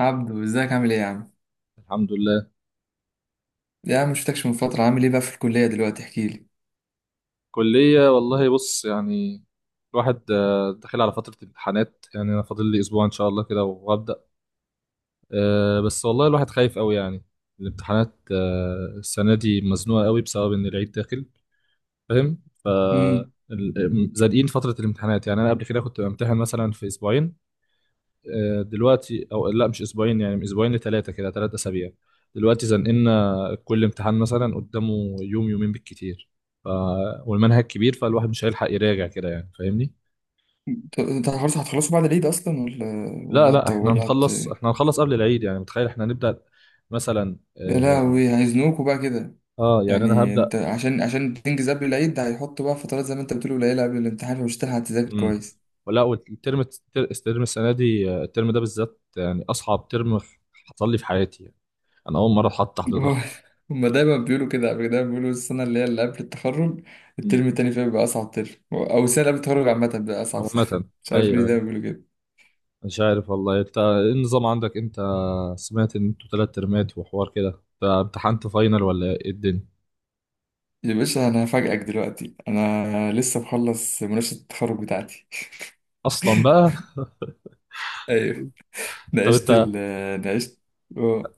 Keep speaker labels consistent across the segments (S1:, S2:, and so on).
S1: عبدو، ازيك؟ عامل ايه يا عم؟
S2: الحمد لله.
S1: يا عم مشفتكش من فترة. عامل ايه بقى في الكلية دلوقتي؟ احكي لي.
S2: كلية والله بص يعني الواحد، داخل على فترة امتحانات يعني أنا فاضل لي أسبوع إن شاء الله كده وهبدأ. بس والله الواحد خايف أوي يعني. الامتحانات السنة دي مزنوقة أوي بسبب إن العيد داخل. فاهم. ف
S1: امم
S2: زنقين فترة الامتحانات يعني أنا قبل كده كنت بامتحن مثلا في أسبوعين. دلوقتي او لا، مش اسبوعين، يعني من اسبوعين لثلاثه كده، ثلاثة اسابيع. دلوقتي زنقلنا كل امتحان مثلا قدامه يوم يومين بالكتير. ف... والمنهج كبير فالواحد مش هيلحق يراجع كده، يعني فاهمني.
S1: انت خلاص هتخلصوا بعد العيد اصلا ولا
S2: لا
S1: ولا
S2: لا
S1: هت
S2: احنا
S1: ولا هت
S2: هنخلص، قبل العيد يعني، متخيل احنا هنبدأ مثلا
S1: يا لهوي، هيزنوكوا بقى كده؟
S2: يعني انا
S1: يعني انت
S2: هبدأ.
S1: عشان تنجز قبل العيد، ده هيحطوا بقى فترات زي ما انت بتقول قليلة قبل الامتحان ومش هتلحق تذاكر
S2: امم.
S1: كويس.
S2: والترم، الترم السنه دي، الترم ده بالذات يعني اصعب ترم حصل لي في حياتي يعني. انا اول مره اتحط تحت
S1: هو-
S2: ضغط.
S1: هما دايما بيقولوا كده. قبل، دايما بيقولوا السنة اللي هي اللي قبل التخرج
S2: مم.
S1: الترم التاني فيها بيبقى أصعب ترم، أو السنة اللي قبل التخرج عامة بيبقى أصعب سنة
S2: عامه.
S1: مش عارف ليه
S2: ايوه
S1: دايما
S2: أيوه.
S1: بيقولوا كده.
S2: مش عارف والله، انت ايه النظام عندك؟ انت سمعت ان انتوا تلات ترمات وحوار كده؟ انت امتحنت فاينل ولا ايه الدنيا
S1: يا باشا انا هفاجئك دلوقتي، انا لسه مخلص مناقشه التخرج بتاعتي
S2: اصلا بقى؟
S1: ايوه.
S2: طب
S1: ناقشت
S2: انت،
S1: ال ناقشت آه.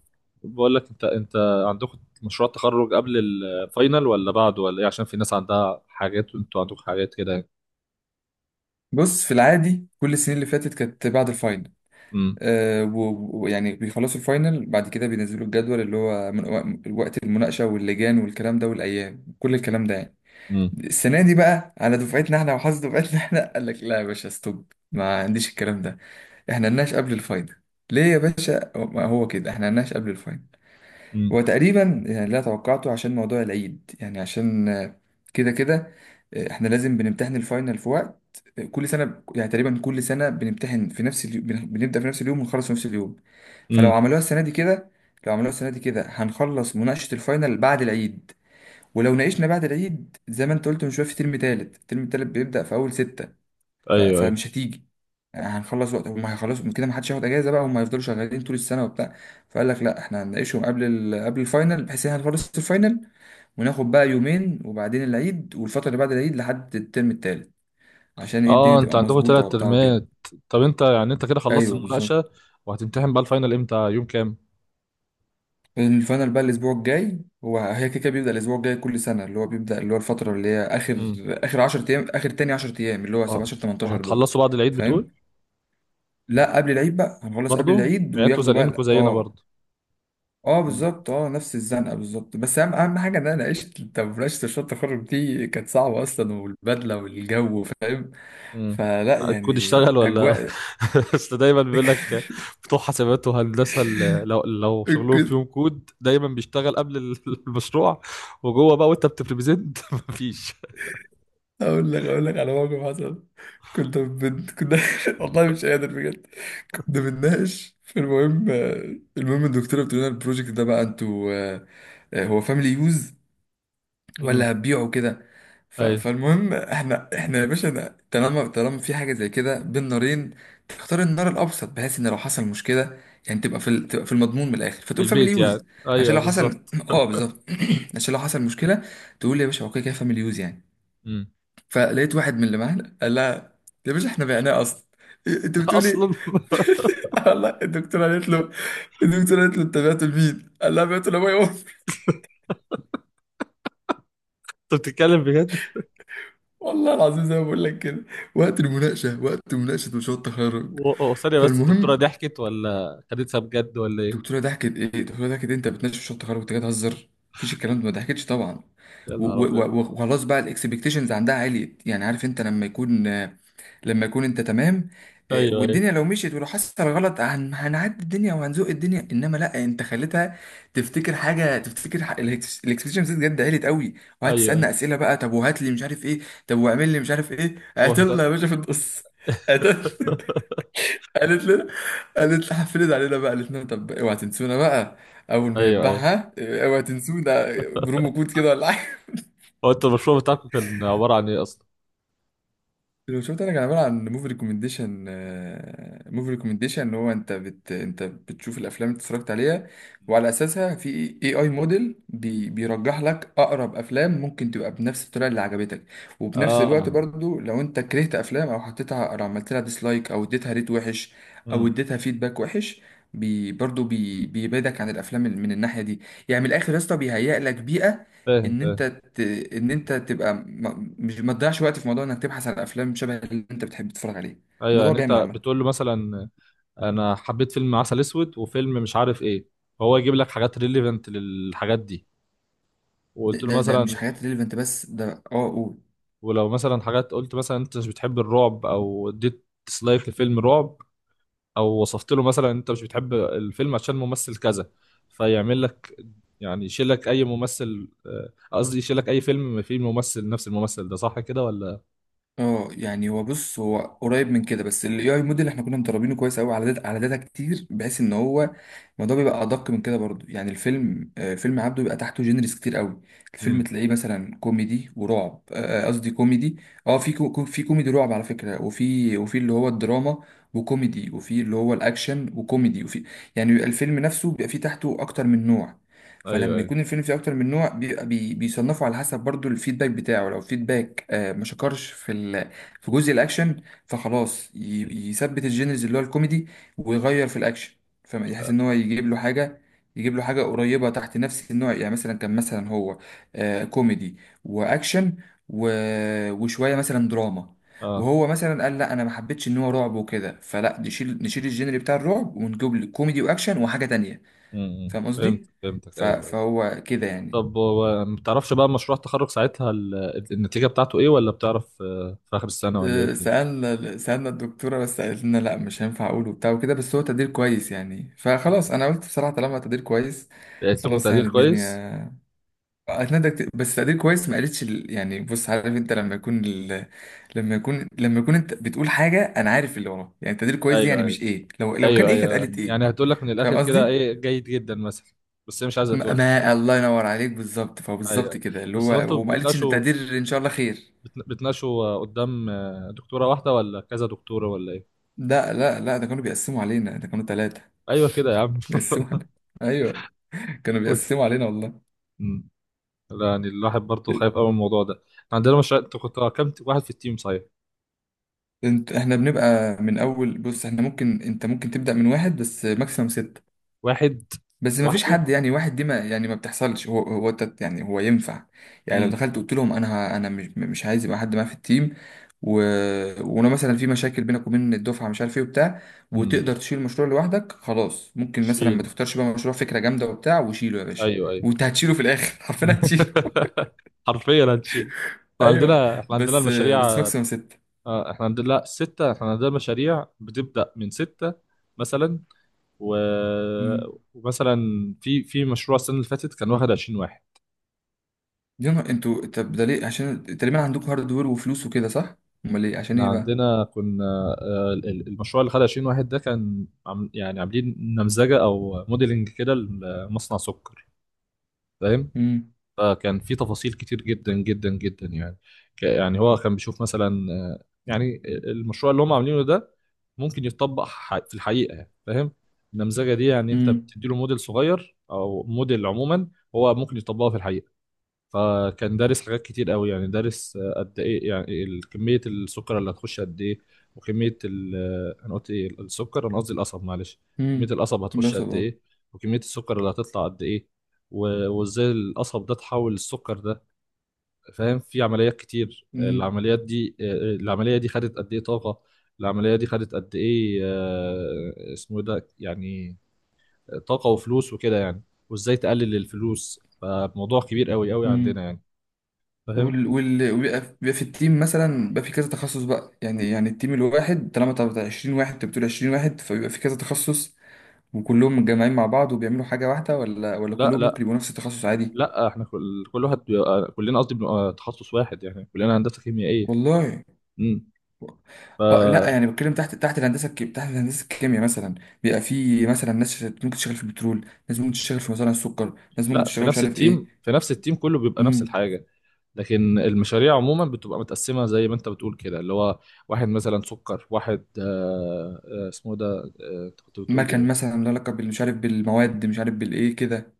S2: بقول لك، انت عندكم مشروع تخرج قبل الفاينل ولا بعده ولا ايه؟ عشان في ناس عندها حاجات وانتوا عندكم حاجات كده يعني.
S1: بص، في العادي كل السنين اللي فاتت كانت بعد الفاينل.
S2: امم.
S1: آه، و- ويعني بيخلصوا الفاينل، بعد كده بينزلوا الجدول اللي هو من وقت المناقشه واللجان والكلام ده والايام، كل الكلام ده يعني.
S2: امم.
S1: السنه دي بقى على دفعتنا احنا، وحظ دفعتنا احنا، قال لك لا يا باشا، ستوب، ما عنديش الكلام ده، احنا نناقش قبل الفاينل. ليه يا باشا؟ ما هو كده احنا نناقش قبل الفاينل.
S2: امم.
S1: هو تقريبا يعني اللي أنا توقعته عشان موضوع العيد، يعني عشان كده كده. احنا لازم بنمتحن الفاينل في وقت، كل سنة يعني، تقريبا كل سنة بنمتحن في نفس اليوم، بنبدأ في نفس اليوم ونخلص في نفس اليوم. فلو
S2: امم.
S1: عملوها السنة دي كده، لو عملوها السنة دي كده هنخلص مناقشة الفاينل بعد العيد. ولو ناقشنا بعد العيد، زي ما انت قلت من شوية، في ترم تالت، الترم التالت بيبدأ في أول ستة. ف-
S2: ايوه ايوه.
S1: فمش هتيجي. يعني هنخلص وقت هم هيخلصوا، من كده ما حدش هياخد اجازه بقى، هم هيفضلوا شغالين طول السنه وبتاع. فقال لك لا، احنا هنناقشهم قبل ال... قبل الفاينل، بحيث ان احنا نخلص الفاينل وناخد بقى يومين، وبعدين العيد، والفتره اللي بعد العيد لحد الترم التالت، عشان ايه الدنيا
S2: اه، انت
S1: تبقى
S2: عندكم
S1: مظبوطه
S2: تلات
S1: وبتاع وكده.
S2: ترمات. طب انت يعني، انت كده خلصت
S1: ايوه
S2: المناقشة
S1: بالظبط.
S2: وهتمتحن بقى الفاينل امتى، يوم كام؟
S1: الفاينل بقى الاسبوع الجاي، هو هي كده كده بيبدا الاسبوع الجاي كل سنه، اللي هو بيبدا اللي هو الفتره اللي هي اخر،
S2: امم.
S1: اخر 10 ايام، اخر تاني 10 ايام، اللي هو
S2: اه.
S1: 17 18 دول.
S2: وهتخلصوا بعد العيد بتقول؟
S1: فاهم. لا، قبل العيد بقى، هنخلص قبل
S2: برضه
S1: العيد
S2: يعني انتوا
S1: وياخدوا
S2: زنقينكم
S1: بقى،
S2: زينا
S1: اه.
S2: برضه.
S1: اه بالظبط، اه نفس الزنقه بالظبط. بس اهم اهم حاجه ان انا عشت، انت مناقشه مشروع التخرج دي كانت صعبه اصلا، والبدله والجو، فاهم؟
S2: مم.
S1: فلا
S2: الكود
S1: يعني
S2: اشتغل ولا
S1: اجواء.
S2: اصل دايما بيقول لك بتوع حسابات وهندسه، لو شغلهم
S1: كنت
S2: فيهم كود دايما بيشتغل قبل المشروع. وجوه بقى وانت بتبريزنت مفيش.
S1: اقول لك، اقول لك على موقف حصل. كنت بنت كنا والله مش قادر بجد. كنا بنناقش، فالمهم، المهم الدكتوره بتقول لنا البروجكت ده بقى انتوا هو فاميلي يوز
S2: امم.
S1: ولا هتبيعه كده؟ ف...
S2: ايوه.
S1: فالمهم احنا، احنا يا باشا طالما طالما في حاجه زي كده بين نارين تختار النار الابسط، بحيث ان لو حصل مشكله يعني تبقى في ال... تبقى في المضمون من الاخر،
S2: في
S1: فتقول فاميلي
S2: البيت يعني.
S1: يوز، عشان
S2: ايوه
S1: لو
S2: بالظبط.
S1: حصل اه بالظبط. عشان لو حصل مشكله تقول يا باشا اوكي كده فاميلي يوز يعني.
S2: امم.
S1: فلقيت واحد من اللي معانا قال لها يا باشا احنا بعناه اصلا. انت بتقول ايه؟
S2: اصلا
S1: والله الدكتوره قالت له، الدكتوره قالت له انت بعته لمين؟ قال لها بعته لابويا.
S2: انت بتتكلم بجد؟
S1: والله العظيم زي ما بقول لك كده، وقت المناقشه، وقت مناقشه مشروع التخرج.
S2: ثانيه بس، الدكتوره
S1: فالمهم،
S2: ضحكت ولا خدتها بجد ولا ايه؟
S1: الدكتوره ضحكت؟ ايه، الدكتوره ضحكت إيه؟ انت بتناقش مشروع التخرج، انت جاي تهزر؟ مفيش الكلام ده، ما ضحكتش طبعا.
S2: يا
S1: و-
S2: نهار
S1: و-
S2: ابيض.
S1: و- وخلاص بقى، الاكسبكتيشنز عندها عالية. يعني عارف انت لما يكون، لما يكون انت تمام،
S2: ايوه ايوه.
S1: والدنيا لو مشيت ولو حصل غلط هنعدي الدنيا وهنزوق الدنيا، انما لا، انت خليتها تفتكر حاجه، تفتكر الاكسبكتيشنز بجد عليت قوي.
S2: ايوه
S1: وقعدت تسالنا
S2: ايوه.
S1: اسئله بقى، طب وهات لي مش عارف ايه، طب واعمل لي مش عارف ايه،
S2: هو انت
S1: قاتلنا يا باشا في النص قاتلنا. قالت لنا، قالت لنا، حفلت علينا بقى، قالت لنا طب اوعى تنسونا بقى، اول ما
S2: ايوه ايوه.
S1: يتباعها اوعى تنسونا، برومو كود كده ولا.
S2: هو انت، المشروع بتاعكم كان عباره عن ايه اصلا؟
S1: لو شفت، انا كان عباره عن موفي ريكومنديشن. موفي ريكومنديشن اللي هو انت انت بتشوف الافلام اللي اتفرجت عليها، وعلى اساسها في اي اي موديل بيرجح لك اقرب افلام ممكن تبقى بنفس الطريقه اللي عجبتك. وفي نفس الوقت
S2: اه.
S1: برضو، لو انت كرهت افلام او حطيتها او عملت لها ديسلايك او اديتها ريت وحش، او
S2: امم.
S1: اديتها فيدباك وحش، بي برضو بيبعدك عن الافلام من الناحيه دي. يعني من الاخر يا اسطى، بيهيئ لك بيئه
S2: فاهم
S1: ان انت
S2: فاهم.
S1: ت- ان انت تبقى مش ما تضيعش وقت في موضوع انك تبحث على افلام شبه اللي انت بتحب تتفرج عليه.
S2: ايوه،
S1: الموضوع
S2: يعني انت
S1: جامد عامه.
S2: بتقول له مثلا انا حبيت فيلم عسل اسود وفيلم مش عارف ايه، فهو يجيب لك حاجات ريليفنت للحاجات دي.
S1: ده
S2: وقلت له
S1: ده, ده
S2: مثلا،
S1: مش حاجات ريليفنت، بس ده اه قول.
S2: ولو مثلا حاجات، قلت مثلا انت مش بتحب الرعب او اديت ديسلايك لفيلم رعب، او وصفت له مثلا انت مش بتحب الفيلم عشان ممثل كذا، فيعمل لك، يعني يشيل لك اي ممثل، قصدي يشيل لك اي فيلم فيه ممثل نفس الممثل ده. صح كده ولا؟
S1: اه يعني هو، بص هو قريب من كده، بس الاي اي موديل احنا كنا مدربينه كويس قوي على داتا، على داتا كتير، بحيث ان هو الموضوع بيبقى ادق من كده برضو. يعني الفيلم، فيلم عبده بيبقى تحته جينرز كتير قوي. الفيلم
S2: امم.
S1: تلاقيه مثلا كوميدي ورعب، قصدي كوميدي. اه في في كوميدي رعب على فكره، وفي وفي اللي هو الدراما وكوميدي، وفي اللي هو الاكشن وكوميدي، وفي، يعني بيبقى الفيلم نفسه بيبقى فيه تحته اكتر من نوع.
S2: ايوه
S1: فلما
S2: ايوه.
S1: يكون الفيلم فيه اكتر من نوع، بيبقى بيصنفوا على حسب برضو الفيدباك بتاعه. لو فيدباك آه ما شكرش في ال، في جزء الاكشن، فخلاص
S2: مم.
S1: يثبت الجينرز اللي هو الكوميدي، ويغير في الاكشن. فيحس ان هو يجيب له حاجه، يجيب له حاجه قريبه تحت نفس النوع. يعني مثلا كان مثلا هو آه كوميدي واكشن و... وشويه مثلا دراما،
S2: اه.
S1: وهو مثلا قال لا، انا ما حبيتش ان هو رعب وكده، فلا نشيل، نشيل الجينري بتاع الرعب، ونجيب لك كوميدي واكشن وحاجه تانية.
S2: امم.
S1: فاهم
S2: فهمت
S1: قصدي؟
S2: فهمتك،
S1: ف-
S2: ايوه أيوة.
S1: فهو كده يعني.
S2: طب هو ما تعرفش بقى مشروع التخرج ساعتها النتيجة بتاعته ايه، ولا بتعرف في آخر السنة، ولا ايه الدنيا؟
S1: سألنا، سألنا الدكتورة بس قالت لنا لا مش هينفع أقول وبتاع وكده، بس هو تقدير كويس يعني. فخلاص أنا قلت بصراحة طالما تقدير كويس،
S2: لقيت لكم
S1: خلاص
S2: تقدير
S1: يعني
S2: كويس؟
S1: الدنيا أتندك، بس تقدير كويس ما قالتش ال-. يعني بص، عارف أنت لما يكون ال...، لما يكون، لما يكون أنت بتقول حاجة أنا عارف اللي وراه. يعني تقدير كويس دي
S2: ايوه
S1: يعني
S2: ايوه،
S1: مش إيه، لو لو كان
S2: ايوه
S1: إيه كانت
S2: ايوه،
S1: قالت إيه.
S2: يعني هتقول لك من الآخر
S1: فاهم
S2: كده
S1: قصدي؟
S2: ايه، جيد جدا مثلا، بس هي مش عايزة
S1: ما...
S2: تقول.
S1: ما الله ينور عليك، بالظبط،
S2: ايوه
S1: فبالظبط
S2: أيوة.
S1: كده اللي
S2: بس هو انتوا
S1: هو، وما قالتش إن
S2: بتناقشوا،
S1: التقدير إن شاء الله خير.
S2: بتناقشوا قدام دكتورة واحدة ولا كذا دكتورة ولا ايه؟
S1: لا، ده كانوا بيقسموا علينا، ده كانوا ثلاثة
S2: ايوه كده يا عم
S1: بيقسموا علينا. ايوه، كانوا بيقسموا علينا والله.
S2: أمم. لا يعني الواحد برضه خايف
S1: إيه،
S2: قوي من الموضوع ده. إحنا عندنا مشروع، انتوا كنتوا كام واحد في التيم صحيح؟
S1: احنا بنبقى من اول. بص، احنا ممكن، انت ممكن تبدأ من واحد بس ماكسيمم ستة.
S2: واحد.
S1: بس ما فيش
S2: لوحده؟
S1: حد يعني، واحد دي ما يعني ما بتحصلش، يعني هو ينفع يعني لو
S2: امم.
S1: دخلت قلت لهم انا، انا مش عايز يبقى حد معايا في التيم، و... وانا مثلا في مشاكل بينك وبين الدفعه مش عارف ايه وبتاع،
S2: امم.
S1: وتقدر تشيل المشروع لوحدك، خلاص ممكن مثلا ما تختارش بقى مشروع فكره جامده وبتاع، وشيله يا باشا،
S2: ايوه ايوه.
S1: وانت هتشيله في الاخر حرفيا هتشيله.
S2: حرفيا هنشيل. احنا
S1: ايوه،
S2: عندنا،
S1: بس
S2: المشاريع،
S1: ماكسيموم سته.
S2: احنا عندنا، لا، ستة. احنا عندنا المشاريع بتبدأ من ستة مثلا، و...
S1: امم.
S2: ومثلا في مشروع السنة اللي فاتت كان واخد 20 واحد.
S1: يا نهار، انتوا طب ده ليه؟ عشان تقريبا عندكم هاردوير وفلوس وكده، صح؟ امال ليه؟ عشان ايه
S2: احنا
S1: بقى؟
S2: عندنا كنا المشروع اللي خد 20 واحد ده كان يعني عاملين نمذجة او موديلنج كده لمصنع سكر. فاهم.
S1: امم،
S2: فكان في تفاصيل كتير جدا جدا جدا يعني، يعني هو كان بيشوف مثلا يعني المشروع اللي هم عاملينه ده ممكن يتطبق في الحقيقة، يعني فاهم. النمذجة دي، يعني انت
S1: امم،
S2: بتدي له موديل صغير او موديل عموما، هو ممكن يطبقه في الحقيقة. فكان دارس حاجات كتير قوي، يعني دارس قد ايه يعني كمية السكر اللي هتخش قد ايه، وكمية انا قلت ايه، السكر، انا قصدي القصب، معلش. كمية
S1: امم.
S2: القصب
S1: لا
S2: هتخش قد
S1: صبر.
S2: ايه، وكمية السكر اللي هتطلع قد ايه، وازاي القصب ده تحول السكر ده، فاهم. في عمليات كتير،
S1: مم.
S2: العمليات دي، العملية دي خدت قد ايه طاقة، العملية دي خدت قد ايه اسمه إيه ده يعني، طاقة وفلوس وكده يعني، وازاي تقلل الفلوس. فموضوع كبير قوي قوي
S1: مم.
S2: عندنا يعني، فاهم.
S1: وال وال وبيبقى، بيبقى في التيم مثلا بيبقى في كذا تخصص بقى، يعني يعني التيم الواحد طالما بتاع 20 واحد، انت بتقول 20 واحد، فبيبقى في كذا تخصص، وكلهم متجمعين مع بعض وبيعملوا حاجة واحدة، ولا
S2: لا
S1: كلهم ممكن
S2: لا
S1: يبقوا نفس التخصص عادي؟
S2: لا، احنا كل واحد بيبقى، كلنا قصدي بنبقى تخصص واحد يعني، كلنا هندسه كيميائيه.
S1: والله.
S2: امم. ف
S1: اه، لا يعني بتكلم تحت، تحت هندسة الكيمياء مثلا، بيبقى في مثلا ناس ممكن تشتغل في البترول، ناس ممكن تشتغل في مصانع السكر، ناس ممكن
S2: لا، في
S1: تشتغل مش
S2: نفس
S1: عارف
S2: التيم،
S1: ايه.
S2: في نفس التيم كله بيبقى نفس
S1: امم.
S2: الحاجه. لكن المشاريع عموما بتبقى متقسمه زي ما انت بتقول كده، اللي هو واحد مثلا سكر، واحد اسمه ده، كنت بتقول
S1: مكن
S2: ايه؟
S1: مثلا له علاقة بال- مش عارف بالمواد، مش عارف بالايه كده،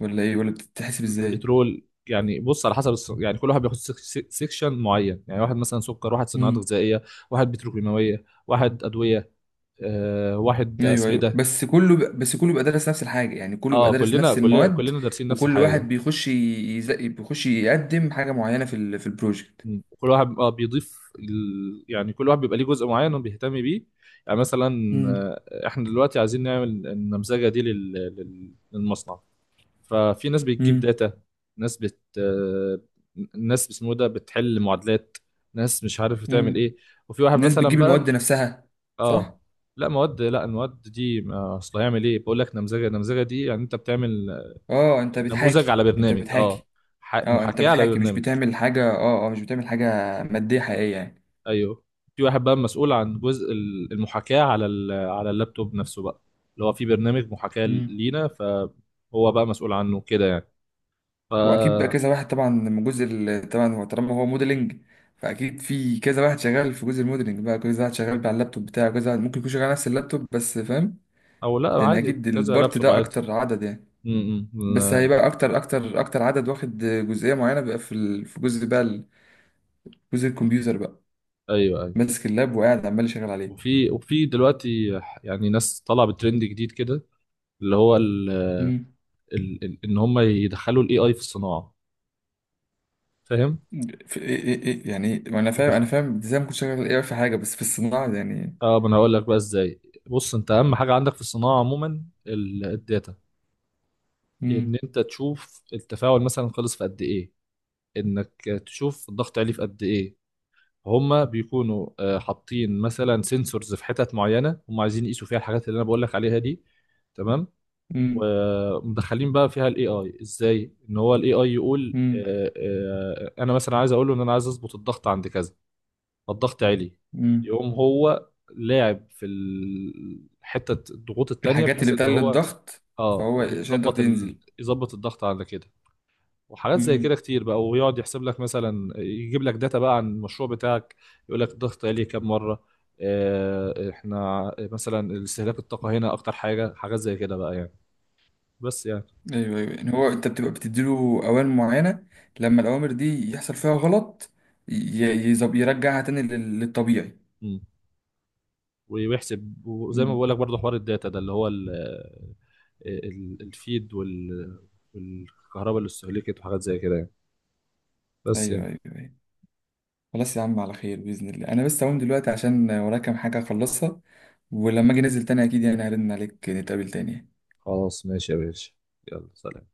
S1: ولا ايه، ولا بتتحسب ازاي.
S2: بترول، يعني بص على حسب يعني كل واحد بياخد سيكشن معين، يعني واحد مثلا سكر، واحد صناعات غذائيه، واحد بتروكيماويه، واحد ادويه، واحد
S1: ايوه ايوه،
S2: اسمده.
S1: بس كله ب...، بس كله بيبقى دارس نفس الحاجه، يعني كله بيبقى
S2: اه،
S1: دارس نفس المواد.
S2: كلنا دارسين نفس
S1: وكل
S2: الحاجه.
S1: واحد بيخش بيخش يقدم حاجه معينه في ال... في البروجكت.
S2: مم. كل واحد اه بيضيف يعني كل واحد بيبقى ليه جزء معين وبيهتم بيه، يعني مثلا
S1: امم،
S2: احنا دلوقتي عايزين نعمل النمذجه دي للمصنع. ففي ناس بتجيب
S1: امم،
S2: داتا، ناس بت آه، ناس اسمه ده بتحل معادلات، ناس مش عارف بتعمل
S1: امم.
S2: ايه، وفي واحد
S1: الناس
S2: مثلا
S1: بتجيب المواد
S2: بقى.
S1: نفسها،
S2: اه.
S1: صح؟
S2: لا مواد، لا، المواد دي، ما اصل هيعمل ايه، بقول لك نمذجه، النمذجه دي يعني انت بتعمل
S1: اه، انت
S2: نموذج
S1: بتحاكي
S2: على
S1: انت
S2: برنامج، اه
S1: بتحاكي. اه انت
S2: محاكاه على
S1: بتحاكي، مش
S2: برنامج.
S1: بتعمل حاجه، اه اه مش بتعمل حاجه ماديه حقيقيه
S2: ايوه. في واحد بقى مسؤول عن جزء المحاكاة على على اللابتوب نفسه بقى، اللي هو في برنامج محاكاة
S1: يعني.
S2: لينا، فهو بقى مسؤول عنه كده يعني. ف
S1: واكيد بقى كذا واحد طبعا من جزء ال-، طبعا هو طالما هو موديلنج، فاكيد في كذا واحد شغال في جزء الموديلنج بقى، كذا واحد شغال على اللابتوب بتاعه، كذا واحد ممكن يكون شغال على نفس اللابتوب بس، فاهم؟
S2: او لا،
S1: يعني
S2: عادي
S1: اكيد
S2: كذا
S1: البارت
S2: لابتوب
S1: ده
S2: عادي.
S1: اكتر عدد يعني، بس
S2: لا.
S1: هيبقى اكتر عدد واخد جزئيه معينه بقى في ال-، في جزء بقى ال-، جزء الكمبيوتر بقى،
S2: ايوه ايوه.
S1: ماسك اللاب وقاعد عمال يشغل عليه.
S2: وفي دلوقتي يعني ناس طالعه بترند جديد كده، اللي هو
S1: امم.
S2: ان هم يدخلوا الاي اي في الصناعه، فاهم؟
S1: في إيه؟ يعني ما انا فاهم،
S2: يدخل-
S1: انا فاهم ازاي ممكن شغال ايه في حاجه، بس في الصناعه يعني.
S2: اه، ما انا هقول لك بقى ازاي. بص، انت اهم حاجه عندك في الصناعه عموما الداتا، ان
S1: امم،
S2: انت تشوف التفاعل مثلا خلص في قد ايه، انك تشوف الضغط عليه في قد ايه. هما بيكونوا حاطين مثلا سنسورز في حتت معينه هم عايزين يقيسوا فيها الحاجات اللي انا بقول لك عليها دي، تمام.
S1: امم،
S2: ومدخلين بقى فيها الاي اي ازاي، ان هو الاي اي يقول انا مثلا عايز اقول له ان انا عايز اظبط الضغط عند كذا، فالضغط عالي،
S1: امم.
S2: يقوم هو لاعب في حته الضغوط التانية
S1: الحاجات
S2: بحيث
S1: اللي
S2: ان
S1: بتقلل
S2: هو
S1: الضغط،
S2: اه
S1: فهو عشان الضغط
S2: يظبط
S1: ينزل.
S2: يظبط الضغط على كده. وحاجات زي كده
S1: امم.
S2: كتير بقى، ويقعد يحسب لك مثلا، يجيب لك داتا بقى عن المشروع بتاعك، يقول لك الضغط عليه كام مره، احنا مثلا استهلاك الطاقه هنا اكتر حاجه، حاجات زي كده بقى يعني، بس يعني.
S1: ايوه ايوه، يعني هو انت بتبقى بتديله اوامر معينه، لما الاوامر دي يحصل فيها غلط ي- يظب- يرجعها تاني لل-، للطبيعي.
S2: مم. ويحسب، وزي ما بقول
S1: امم.
S2: لك برضه حوار الداتا ده، اللي هو الفيد والكهرباء اللي استهلكت وحاجات زي كده يعني، بس
S1: ايوه
S2: يعني.
S1: ايوه ايوه. خلاص يا عم، على خير باذن الله، انا بس هقوم دلوقتي عشان ورايا كام حاجه اخلصها، ولما اجي انزل تاني اكيد يعني هرن عليك، نتقابل تاني.
S2: خلاص ماشي يا باشا، يلا سلام.